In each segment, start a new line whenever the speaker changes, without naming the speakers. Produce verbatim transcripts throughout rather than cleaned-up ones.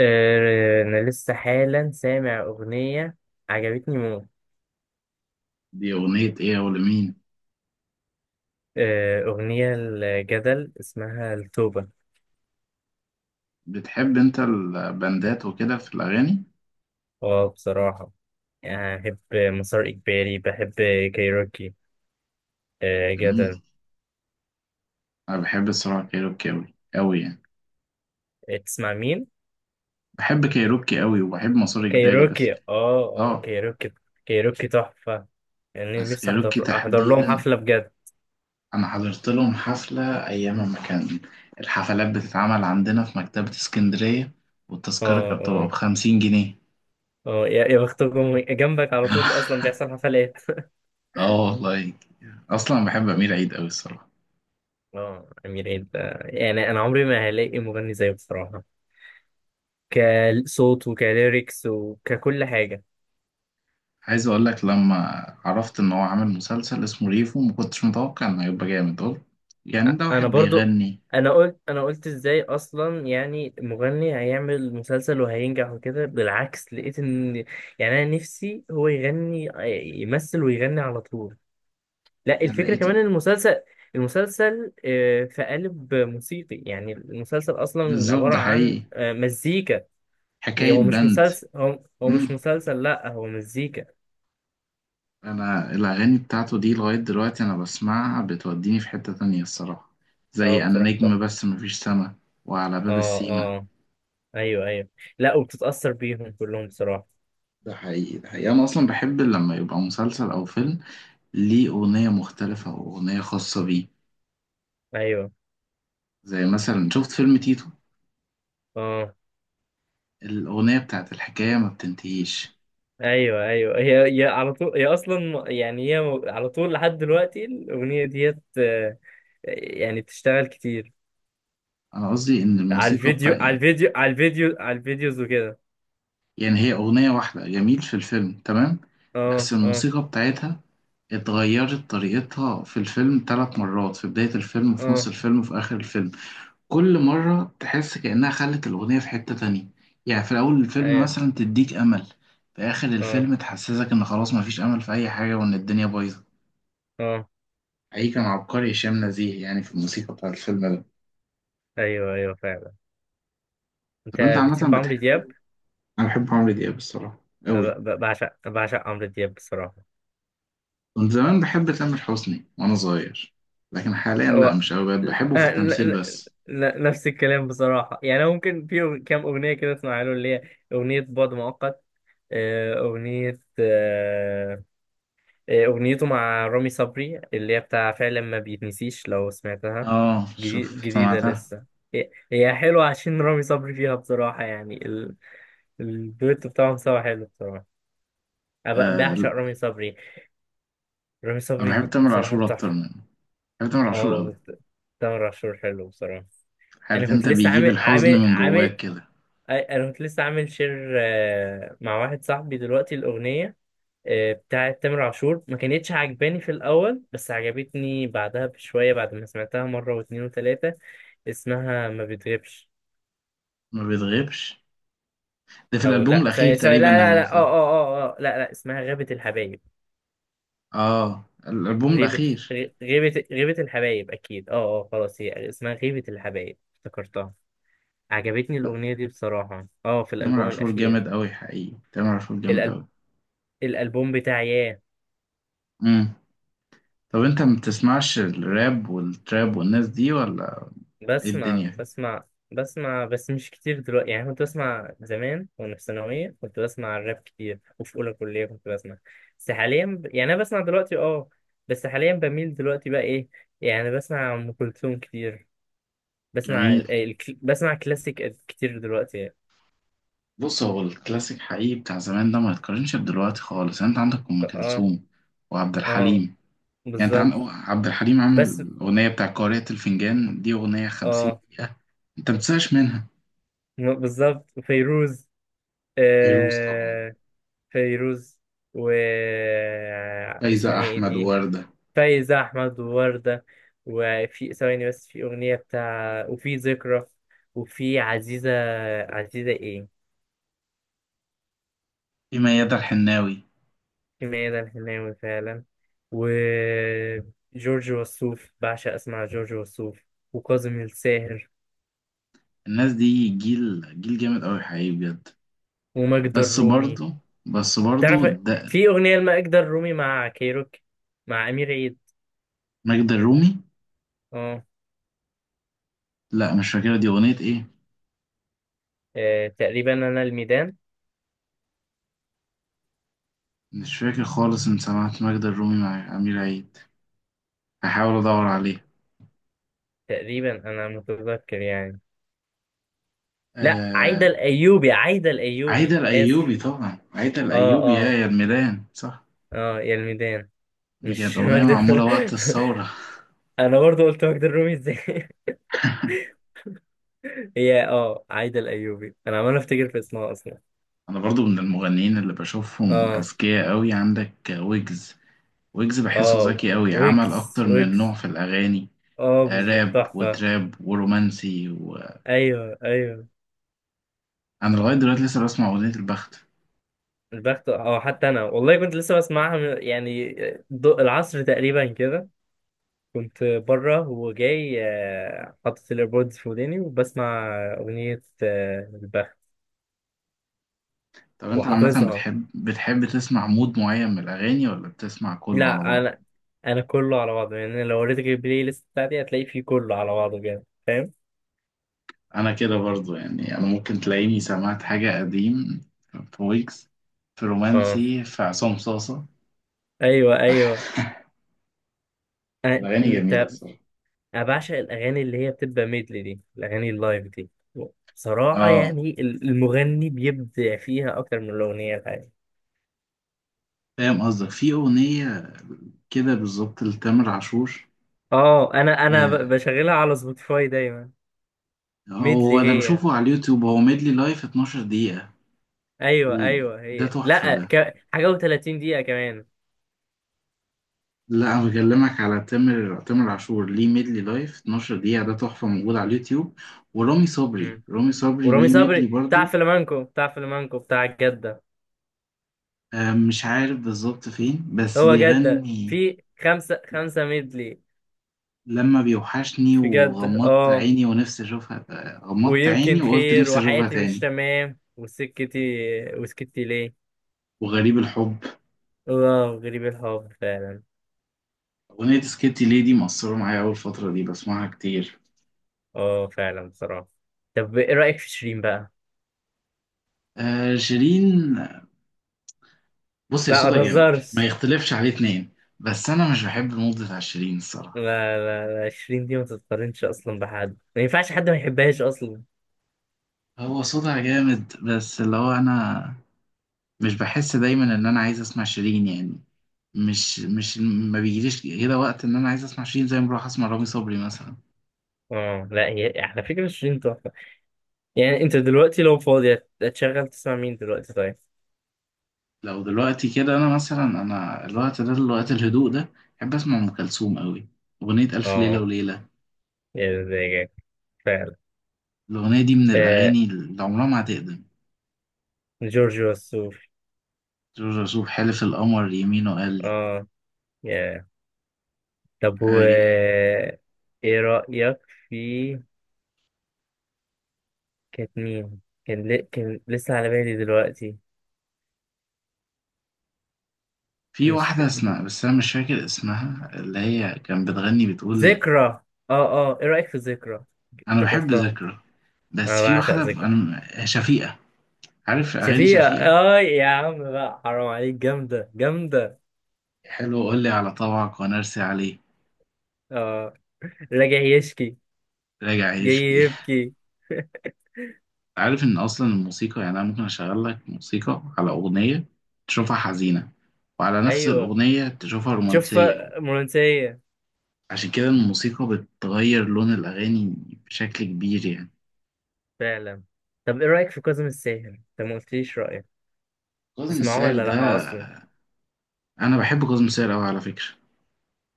آه، أنا لسه حالا سامع أغنية عجبتني موت.
دي أغنية إيه ولمين؟
آه، أغنية الجدل اسمها التوبة.
بتحب أنت البندات وكده في الأغاني؟
اه، بصراحة يعني بحب مسار إجباري، بحب كايروكي، آه،
جميل.
جدل.
أنا بحب الصراحة كايروكي أوي أوي يعني.
تسمع مين؟
بحب كايروكي أوي وبحب مسار إجباري بس.
كايروكي، اه، اه،
آه،
كايروكي. كايروكي تحفة، يعني
بس
نفسي
كايروكي
أحضر أحضر لهم
تحديدا،
حفلة بجد.
أنا حضرت لهم حفلة أيام ما كان الحفلات بتتعمل عندنا في مكتبة اسكندرية، والتذكرة
اه،
كانت بتبقى
اه.
بخمسين جنيه.
اه يا يا بختكم، جنبك على طول أصلا بيحصل حفلات.
آه والله، أصلا بحب أمير عيد أوي الصراحة.
اه، أمير عيد، آه، يعني أنا عمري ما هلاقي مغني زيه بصراحة، كصوت وكليركس وككل حاجة.
عايز اقول لك، لما عرفت ان هو عامل مسلسل اسمه ريفو ما كنتش متوقع انه هيبقى جامد، قلت يعني
أ-
ده واحد
أنا برضو.
بيغني.
أنا قلت، أنا قلت إزاي أصلا يعني مغني هيعمل مسلسل وهينجح، وكده بالعكس لقيت إن، يعني أنا نفسي هو يغني، يمثل ويغني على طول. لا
أنا
الفكرة كمان
لقيته
إن المسلسل، المسلسل آه، في قالب موسيقي، يعني المسلسل أصلا
بالظبط،
عبارة
ده
عن
حقيقي،
آه، مزيكا. يعني
حكاية
هو مش
بند.
مسلسل، هو, هو
مم.
مش مسلسل، لا هو مزيكا.
انا الاغاني بتاعته دي لغاية دلوقتي انا بسمعها بتوديني في حتة تانية الصراحة،
اه
زي انا
بصراحة صح.
نجم بس مفيش سما، وعلى باب
اه،
السيما.
اه. ايوه، ايوه. لا، وبتتأثر بيهم كلهم بصراحة.
ده حقيقي ده حقيقي انا اصلا بحب لما يبقى مسلسل او فيلم ليه اغنية مختلفة واغنية خاصة بيه.
ايوه.
زي مثلا شفت فيلم تيتو،
اه.
الأغنية بتاعت الحكاية ما بتنتهيش.
ايوه ايوه هي هي على طول، هي اصلا يعني هي. على طول لحد دلوقتي الاغنية ديت آه، يعني بتشتغل كتير،
أنا قصدي إن
على
الموسيقى
الفيديو
بتاع،
على الفيديو على الفيديو على الفيديوز وكده.
يعني هي أغنية واحدة جميل في الفيلم تمام، بس
اه، اه.
الموسيقى بتاعتها اتغيرت طريقتها في الفيلم ثلاث مرات، في بداية الفيلم وفي نص
اه.
الفيلم وفي آخر الفيلم. كل مرة تحس كأنها خلت الأغنية في حتة تانية. يعني في أول الفيلم
ايوه،
مثلا تديك أمل، في آخر
اه.
الفيلم تحسسك إن خلاص مفيش أمل في أي حاجة وإن الدنيا بايظة.
اه.
حقيقي كان عبقري هشام نزيه يعني في الموسيقى بتاع الفيلم ده.
ايوه ايوه فعلا. انت
طب أنت عامة
بتحب عمرو دياب؟
بتحب، انا بحب عمرو دياب الصراحه
أنا
قوي.
ب- ب- بعشق بعشق عمرو دياب بصراحة.
كنت زمان بحب تامر حسني وانا صغير، لكن حاليا لا
هو
مش قوي، بقيت بحبه في
آه، ن-
التمثيل
ن-
بس.
ن- نفس الكلام بصراحة، يعني أنا ممكن في أغ- كام أغنية كده أسمعها له، اللي هي أغنية بعد مؤقت، آه، أغنية آه، آه، أغنيته مع رامي صبري اللي هي بتاع فعلا ما بيتنسيش لو سمعتها.
اه
جديد
شوف
جديدة
سمعتها.
لسه. هي هي حلوة عشان رامي صبري فيها بصراحة، يعني ال- الدويتو بتاعهم سوا حلو بصراحة. أنا ب- بعشق
آه،
رامي صبري. رامي
انا بحب
صبري
تامر
بصراحة
عاشور اكتر
تحفة.
منه، بحب تامر عاشور قوي.
اه. تامر عاشور حلو بصراحة. انا
عارف
كنت
انت
لسه
بيجيب
عامل
الحزن
عامل
من
عامل.
جواك كده.
انا كنت لسه عامل شير آه، مع واحد صاحبي دلوقتي، الاغنيه آه، بتاعت تامر عاشور ما كانتش عجباني في الاول، بس عجبتني بعدها بشويه بعد ما سمعتها مره واتنين وتلاته. اسمها ما بتغيبش.
ما بيتغيبش، ده في
او
الالبوم
لا،
الاخير
سوري، سوري،
تقريبا
لا، لا،
اللي
لا، اه،
نزل.
اه. اه، اه، لا، لا، اسمها غيبه الحبايب.
اه الالبوم
غيبه.
الاخير.
غي- غيبه غيبه الحبايب، اكيد، اه، اه، خلاص هي اسمها غيبه الحبايب، افتكرتها. عجبتني
لا،
الأغنية دي بصراحة، اه، في
تامر
الألبوم
عاشور
الأخير.
جامد قوي حقيقي تامر عاشور جامد
الألب...
قوي
الألبوم بتاع ياه.
امم. طب انت ما بتسمعش الراب والتراب والناس دي ولا ايه الدنيا
بسمع،
دي؟
بسمع. بسمع بس مش كتير دلوقتي، يعني كنت بسمع زمان وأنا في ثانوية كنت بسمع الراب كتير، وفي أولى كلية كنت بسمع. بس حاليا ب... يعني أنا بسمع دلوقتي اه. بس حاليا بميل دلوقتي بقى إيه، يعني بسمع أم كلثوم كتير. بسمع
جميل.
ال... ال... بسمع كلاسيك كتير دلوقتي يعني.
بص هو الكلاسيك حقيقي بتاع زمان ده ما يتقارنش بدلوقتي خالص. يعني انت عندك
ف-
ام
اه،
كلثوم وعبد
اه،
الحليم، يعني انت عندك
بالظبط.
عبد الحليم عمل
بس
الاغنيه بتاع قارئة الفنجان، دي اغنيه خمسين
اه،
دقيقه، انت ما بتزهقش منها.
بالظبط فيروز،
فيروز طبعا،
آه، فيروز و
فايزة
اسمها ايه
احمد
دي،
ووردة،
فايزة أحمد ووردة. وفي ثواني بس في أغنية بتاع، وفي ذكرى، وفي عزيزة. عزيزة ايه.
في ميادة الحناوي.
في ميادة الحناوي فعلا، وجورج وسوف، بعشق أسمع جورج وسوف، وكاظم الساهر،
الناس دي جيل، جيل جامد قوي حقيقي بجد.
وماجدة
بس
الرومي.
برضه بس برضه
تعرف
ده
في أغنية لماجدة الرومي مع كيروك، مع أمير عيد.
ماجدة الرومي،
اه.
لا مش فاكرة دي اغنية ايه.
آه، تقريبا أنا الميدان.
مش فاكر خالص ان سمعت ماجدة الرومي مع امير عيد، هحاول ادور
آه، تقريبا انا متذكر يعني. لا، عايدة
عليها.
الأيوبي، عايدة
عايدة
الأيوبي،
الأيوبي،
آسف.
طبعا عايدة
اه،
الأيوبي، يا
اه.
يا الميدان صح.
اه يا الميدان.
دي كانت
مش
أغنية
ماجدة
معمولة وقت
الرومي.
الثورة.
أنا برضو قلت ماجدة الرومي ازاي هي اه عايدة الأيوبي، أنا عمال أفتكر في اسمها أصلا.
أنا برضو من المغنيين اللي بشوفهم
اه.
أذكياء أوي، عندك ويجز، ويجز بحسه
اه
ذكي أوي، عمل
ويجز،
أكتر من نوع
ويجز.
في الأغاني،
اه،
آه،
بالظبط
راب
تحفة.
وتراب ورومانسي. وأنا
أيوه، أيوه.
لغاية دلوقتي لسه بسمع أغنية البخت.
البخت، اه، حتى أنا والله كنت لسه بسمعها من- يعني ضوء العصر تقريبا كده. كنت بره وجاي آه، حاطط الايربودز في وداني، وبسمع أغنية آه، البخت،
طب أنت عامة
وحافظها.
بتحب بتحب تسمع مود معين من الأغاني ولا بتسمع كله على
لا،
بعضه؟
انا. انا كله على بعضه، يعني أنا لو وريتك البلاي ليست بتاعتي هتلاقي فيه كله على بعضه كده، فاهم.
انا كده برضو، يعني انا ممكن تلاقيني سمعت حاجة قديم، في ويجز، في
اه،
رومانسي، في عصام صاصة.
ايوه، ايوه. أنا...
الاغاني جميلة
انت.
الصراحة.
انا بعشق الاغاني اللي هي بتبقى ميدلي دي، الاغاني اللايف دي. بصراحه
اه
يعني ال- المغني بيبدع فيها اكتر من الاغنيه الحقيقيه.
فاهم قصدك، في اغنية كده بالظبط لتامر عاشور.
اه، انا انا
آه،
ب- بشغلها على سبوتيفاي دايما.
هو
ميدلي
انا
هي.
بشوفه على اليوتيوب، هو ميدلي لايف اتناشر دقيقة،
ايوه،
ال-
ايوه،
ده
هي
تحفة
لا
ده.
ك... حاجه و30 دقيقه كمان.
لا انا بكلمك على تامر تامر عاشور ليه ميدلي لايف اتناشر دقيقة، ده تحفة موجود على اليوتيوب. ورامي صبري
مم.
رامي صبري
ورامي
ليه ميدلي
صبري بتاع
برضو.
فلامانكو، بتاع فلامانكو، بتاع الجده.
آه، مش عارف بالظبط فين، بس
هو جدة
بيغني
في خمسة خمسة ميدلي.
لما بيوحشني،
في جدة
وغمضت
اه.
عيني ونفسي اشوفها، آه، غمضت عيني
ويمكن
وقلت
خير،
نفسي اشوفها
وحياتي مش
تاني،
تمام، وسكتي. وسكتي ليه.
وغريب الحب.
اه، غريب الحب فعلا.
اغنية سكيتي ليدي مأثرة معايا اول فترة دي، بسمعها كتير.
اه، فعلا بصراحة. طب ايه رأيك في شيرين بقى؟
آه شيرين، بص هي
لا، ما
صوتها جامد ما
تهزرش.
يختلفش عليه اتنين، بس انا مش بحب المود بتاع شيرين الصراحة.
لا، لا، لا، شيرين دي ما تتقارنش اصلا بحد، ما ينفعش حد ما يحبهاش اصلا.
هو صوتها جامد، بس اللي هو انا مش بحس دايما ان انا عايز اسمع شيرين يعني. مش مش ما بيجيليش كده وقت ان انا عايز اسمع شيرين زي ما بروح اسمع رامي صبري مثلا.
اه لا، هي على فكرة شيرين تحفة. يعني انت دلوقتي لو فاضي هت- هتشغل تسمع مين دلوقتي طيب؟
لو دلوقتي كده انا مثلا، انا الوقت ده الوقت الهدوء ده بحب اسمع ام كلثوم قوي، اغنيه الف ليله
اه،
وليله.
يا زيك. فعلا.
الاغنيه دي من
آه،
الاغاني اللي عمرها ما هتقدم.
جورجيو السور.
جورج وسوف، حلف القمر يمينه قال لي
اه، يا. طب و
حاجة-
ايه رأيك في، كانت مين، كان ل... كان لسه على بالي دلوقتي.
في
مش.
واحده اسمها، بس انا مش فاكر اسمها، اللي هي كان بتغني بتقول،
ذكرى، اه. اه، ايه رأيك في ذكرى؟
انا بحب
افتكرتها.
ذكرى. بس
انا
في
بعشق
واحده ب-
ذكرى.
انا شفيقه، عارف اغاني
شفيقة،
شفيقه؟
اه، يا عم بقى، حرام عليك، جامدة جامدة.
حلو قول لي على طبعك ونرسي عليه.
اه، راجع يشكي.
راجع
جاي
يشكي.
يبكي.
عارف ان اصلا الموسيقى، يعني انا ممكن اشغل لك موسيقى على اغنيه تشوفها حزينه، وعلى نفس
ايوه.
الاغنيه تشوفها
شوف.
رومانسيه.
رومانسية.
عشان كده الموسيقى بتغير لون الاغاني بشكل كبير يعني.
فعلا. طب ايه رأيك في كاظم الساهر، انت ما قلتليش رأيك،
كاظم
تسمعوه
الساهر
ولا
ده،
لأ أصلا؟
انا بحب كاظم الساهر قوي على فكره.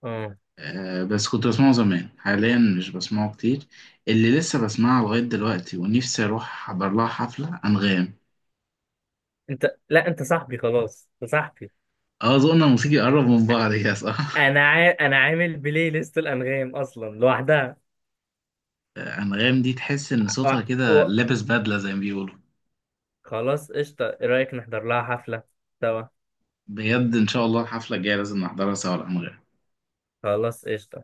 اه.
أه، بس كنت بسمعه زمان، حاليا مش بسمعه كتير. اللي لسه بسمعها لغايه دلوقتي ونفسي اروح احضر لها حفله، انغام.
انت، لا انت صاحبي، خلاص انت صاحبي.
اه، ذوقنا الموسيقي قرب من بعض كده صح.
انا عا... انا عامل بلاي ليست الانغام اصلا لوحدها.
أنغام دي تحس إن
و...
صوتها كده
و...
لابس بدلة زي ما بيقولوا.
خلاص قشطه. ايه رايك نحضر لها حفله سوا؟
بجد إن شاء الله الحفلة الجاية لازم نحضرها سوا، الأنغام.
خلاص قشطه.